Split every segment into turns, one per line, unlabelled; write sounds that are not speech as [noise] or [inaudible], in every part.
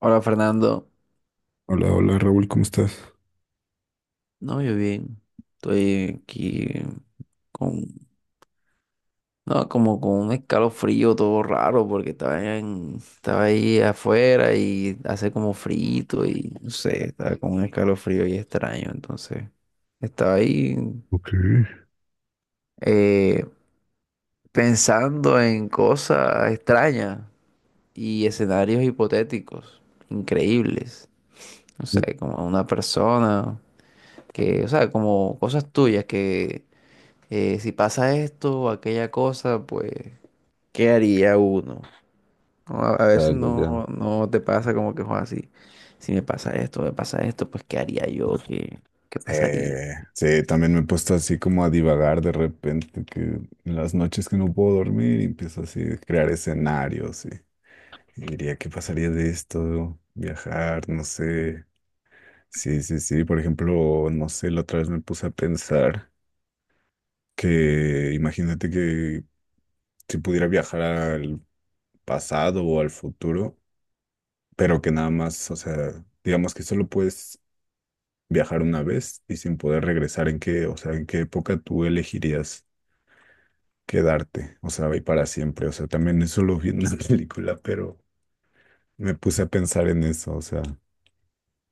Hola Fernando,
Hola, hola Raúl, ¿cómo estás?
no, yo bien, estoy aquí con, no, como con un escalofrío todo raro porque estaba ahí afuera y hace como frito y no sé, estaba con un escalofrío y extraño, entonces estaba ahí
Ok.
eh, pensando en cosas extrañas y escenarios hipotéticos, increíbles, no sé, como una persona que, o sea, como cosas tuyas que si pasa esto o aquella cosa, pues, ¿qué haría uno? No, a
Ah,
veces
ya, ya.
no te pasa como que, Juan, si, si me pasa esto, me pasa esto, pues, ¿qué haría yo? ¿Qué, qué pasaría?
Sí, también me he puesto así como a divagar de repente, que en las noches que no puedo dormir y empiezo así a crear escenarios y diría, ¿qué pasaría de esto? Viajar, no sé. Sí, sí, sí, por ejemplo, no sé, la otra vez me puse a pensar que imagínate que si pudiera viajar al pasado o al futuro, pero que nada más, o sea, digamos que solo puedes viajar una vez y sin poder regresar, ¿en qué, o sea, en qué época tú elegirías quedarte? O sea, y para siempre. O sea, también eso lo vi en la [laughs] película, pero me puse a pensar en eso. O sea,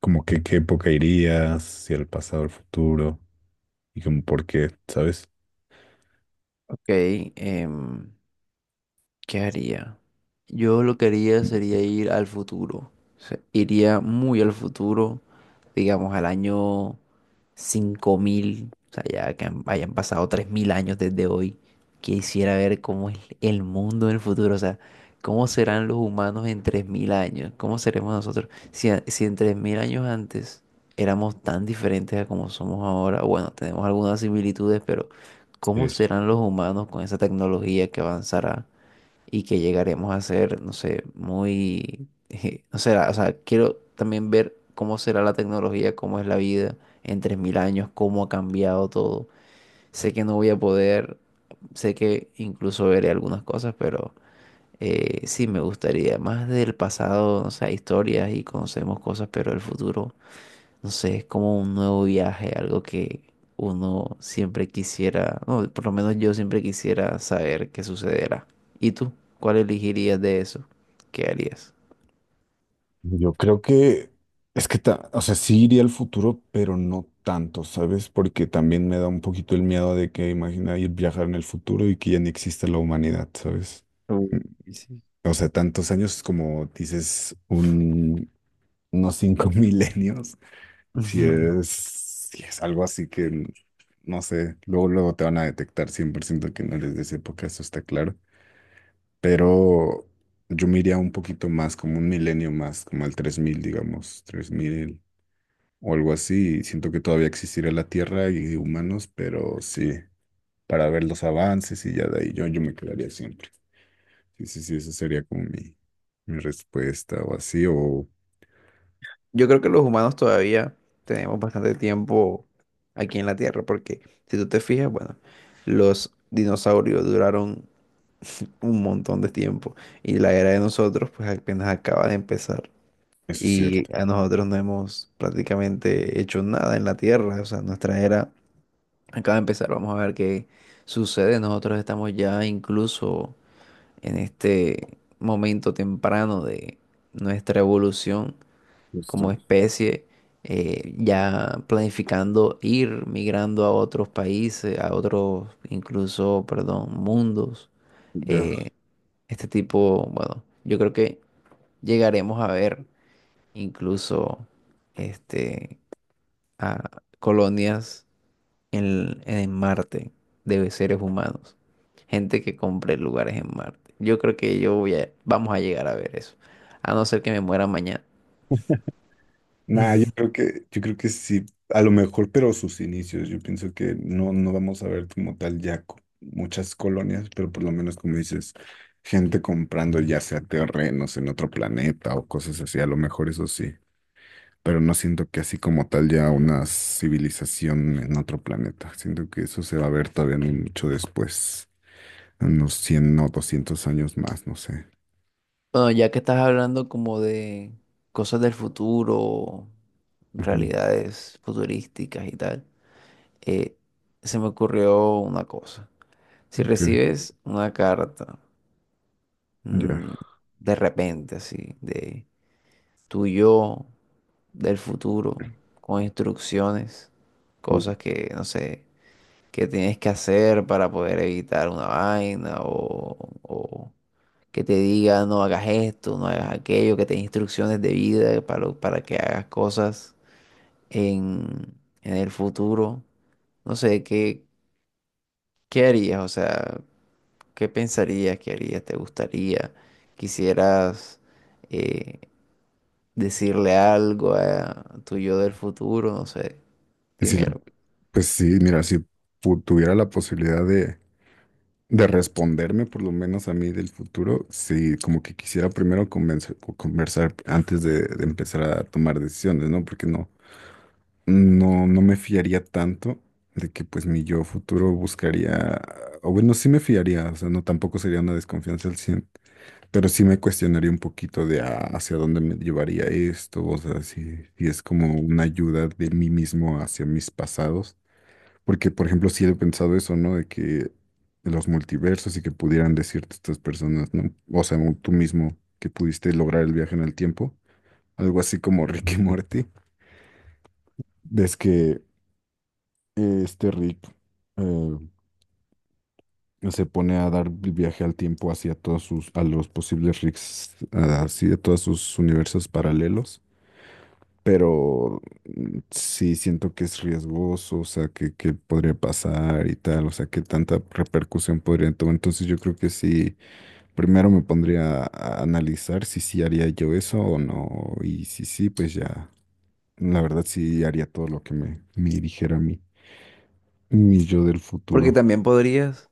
como que qué época irías, si el pasado, el futuro, y como por qué, ¿sabes?
Ok, em, ¿qué haría? Yo lo que haría sería ir al futuro. O sea, iría muy al futuro, digamos, al año 5000, o sea, ya que hayan pasado 3000 años desde hoy, quisiera ver cómo es el mundo en el futuro, o sea, cómo serán los humanos en 3000 años, cómo seremos nosotros. Si, si en 3000 años antes éramos tan diferentes a como somos ahora, bueno, tenemos algunas similitudes, pero ¿cómo
Sí.
serán los humanos con esa tecnología que avanzará? Y que llegaremos a ser, no sé, muy, [laughs] no sé, o sea, quiero también ver cómo será la tecnología, cómo es la vida en 3000 años, cómo ha cambiado todo. Sé que no voy a poder, sé que incluso veré algunas cosas, pero sí me gustaría, más del pasado, o sea, historias y conocemos cosas, pero el futuro no sé, es como un nuevo viaje, algo que uno siempre quisiera, no, por lo menos yo siempre quisiera saber qué sucederá. ¿Y tú? ¿Cuál elegirías de eso? ¿Qué harías?
Yo creo que es que, o sea, sí iría al futuro, pero no tanto, ¿sabes? Porque también me da un poquito el miedo de que imagina ir viajar en el futuro y que ya ni exista la humanidad, ¿sabes? O sea, tantos años como dices, unos 5 [laughs] milenios.
[laughs]
Si
Ujú.
es, si es algo así que, no sé, luego, luego te van a detectar 100% que no eres de esa época, eso está claro. Pero yo me iría un poquito más, como un milenio más, como al 3000 digamos, 3000 o algo así. Y siento que todavía existirá la Tierra y humanos, pero sí, para ver los avances y ya de ahí yo me quedaría siempre. Sí, sí, sí, esa sería como mi respuesta o así, o.
Yo creo que los humanos todavía tenemos bastante tiempo aquí en la Tierra, porque si tú te fijas, bueno, los dinosaurios duraron [laughs] un montón de tiempo y la era de nosotros pues apenas acaba de empezar.
Eso es
Y
cierto,
a nosotros no hemos prácticamente hecho nada en la Tierra. O sea, nuestra era acaba de empezar. Vamos a ver qué sucede. Nosotros estamos ya incluso en este momento temprano de nuestra evolución
justo.
como especie, ya planificando ir migrando a otros países, a otros, incluso, perdón, mundos.
Ya.
Eh, este tipo, bueno, yo creo que llegaremos a ver incluso este, a colonias en Marte de seres humanos. Gente que compre lugares en Marte. Yo creo que yo vamos a llegar a ver eso. A no ser que me muera mañana.
Nah, yo creo que sí, a lo mejor, pero sus inicios. Yo pienso que no, no vamos a ver como tal ya muchas colonias, pero por lo menos como dices, gente comprando ya sea terrenos en otro planeta o cosas así, a lo mejor eso sí. Pero no siento que así como tal ya una civilización en otro planeta. Siento que eso se va a ver todavía no mucho después, unos 100 o 200 años más, no sé.
Bueno, ya que estás hablando como de cosas del futuro,
Ujú,
realidades futurísticas y tal, eh, se me ocurrió una cosa. Si
ok.
recibes una carta,
Ya.
mm, de repente, así, de tu yo del futuro, con instrucciones,
Uh,
cosas que, no sé, que tienes que hacer para poder evitar una vaina o que te diga no hagas esto, no hagas aquello, que te dé instrucciones de vida para que hagas cosas en, en el futuro. No sé, ¿qué, qué harías? O sea, ¿qué pensarías? ¿Qué harías? ¿Te gustaría? ¿Quisieras eh, decirle algo a tu yo del futuro? No sé,
que si
dime
la.
algo.
Pues sí, mira, si tuviera la posibilidad de responderme por lo menos a mí del futuro, sí, como que quisiera primero conversar antes de empezar a tomar decisiones, ¿no? Porque no, no, no me fiaría tanto de que pues mi yo futuro buscaría, o bueno, sí me fiaría, o sea, no tampoco sería una desconfianza al 100, pero sí me cuestionaría un poquito de ah, hacia dónde me llevaría esto, o sea, si es como una ayuda de mí mismo hacia mis pasados porque, por ejemplo, sí he pensado eso, ¿no? De que los multiversos y que pudieran decirte estas personas, ¿no? O sea, tú mismo que pudiste lograr el viaje en el tiempo. Algo así como [laughs] Rick y Morty. Ves que este Rick, eh, se pone a dar el viaje al tiempo hacia todos sus, a los posibles Ricks, así a todos sus universos paralelos. Pero sí siento que es riesgoso, o sea, que podría pasar y tal, o sea, que tanta repercusión podría tomar. Entonces yo creo que sí, primero me pondría a analizar si sí haría yo eso o no. Y si sí, pues ya, la verdad sí haría todo lo que me dijera a mí, mi yo del
Porque
futuro.
también podrías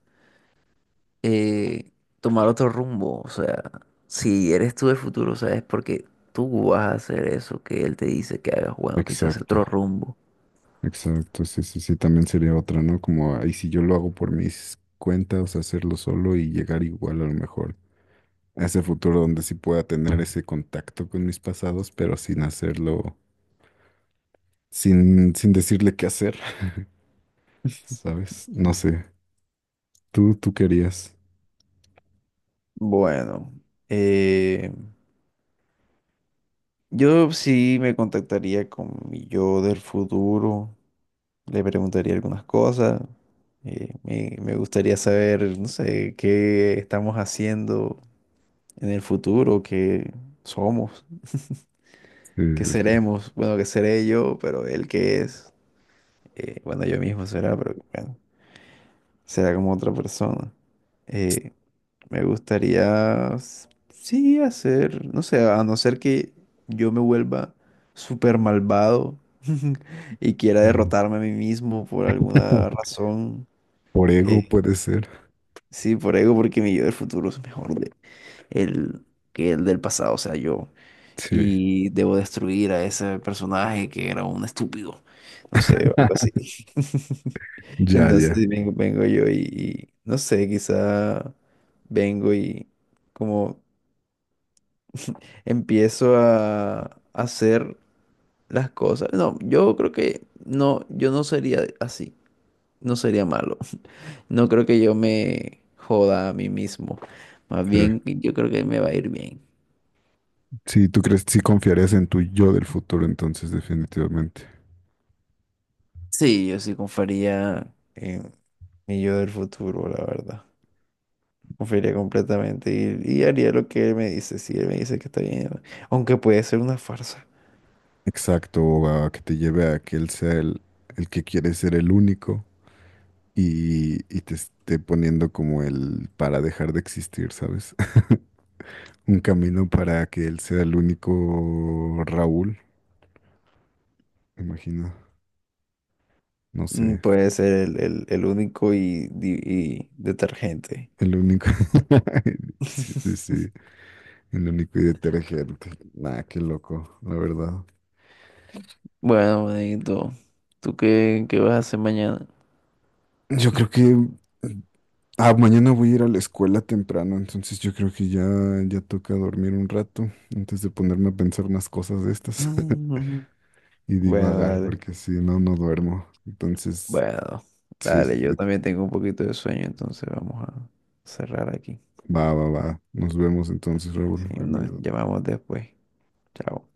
eh, tomar otro rumbo, o sea, si eres tú del futuro, ¿sabes? Porque tú vas a hacer eso que él te dice que hagas, bueno, quizás
Exacto.
otro rumbo.
Exacto, sí, sí, sí, también sería otra, ¿no? Como, ahí si yo lo hago por mis cuentas, hacerlo solo y llegar igual a lo mejor a ese futuro donde sí pueda tener ese contacto con mis pasados, pero sin hacerlo, sin decirle qué hacer, [laughs] ¿sabes? No sé, tú querías.
Bueno, eh, yo sí me contactaría con mi yo del futuro, le preguntaría algunas cosas, me gustaría saber, no sé, qué estamos haciendo en el futuro, qué somos,
Sí,
qué
sí, sí.
seremos, bueno, qué seré yo, pero él qué es. Eh, bueno, yo mismo será, pero bueno, será como otra persona. Eh, me gustaría, sí, hacer, no sé, a no ser que yo me vuelva súper malvado [laughs] y quiera
Mm.
derrotarme a mí mismo por alguna
[laughs]
razón.
Por
Eh,
ego puede ser.
sí, por ego, porque mi yo del futuro es mejor el, que el del pasado, o sea, yo.
Sí,
Y debo destruir a ese personaje que era un estúpido. No sé, algo así. [laughs]
ya,
Entonces
ya.
sí, vengo yo y, no sé, quizá vengo y como empiezo a hacer las cosas. No, yo creo que no, yo no sería así, no sería malo. [laughs] No creo que yo me joda a mí mismo. Más
Sí,
bien, yo creo que me va a ir bien.
sí, tú crees, sí confiarías en tu yo del futuro, entonces, definitivamente.
Sí, yo sí confiaría en mi yo del futuro, la verdad. Confiaría completamente y haría lo que él me dice. Si él me dice que está bien, aunque puede ser una farsa.
Exacto, o a que te lleve a que él sea el que quiere ser el único y te esté poniendo como el para dejar de existir, ¿sabes? [laughs] Un camino para que él sea el único Raúl, me imagino, no
Mm,
sé,
puede ser el único y, y detergente.
el único. [laughs] Sí, sí, sí,
[laughs]
el único y detergente. Nah, qué loco, la verdad.
Bueno, manito, ¿tú qué, qué vas a hacer mañana?
Yo creo que. Ah, mañana voy a ir a la escuela temprano, entonces yo creo que ya, ya toca dormir un rato antes de ponerme a pensar unas cosas de estas
Mm,
[laughs] y
[laughs] bueno,
divagar,
dale.
porque si no, no duermo. Entonces,
Bueno,
sí, sí,
dale,
sí.
yo también tengo un poquito de sueño, entonces vamos a cerrar aquí.
Va, va, va. Nos vemos entonces,
Si
Raúl. Ahí
nos
mañana.
llamamos después. Chao.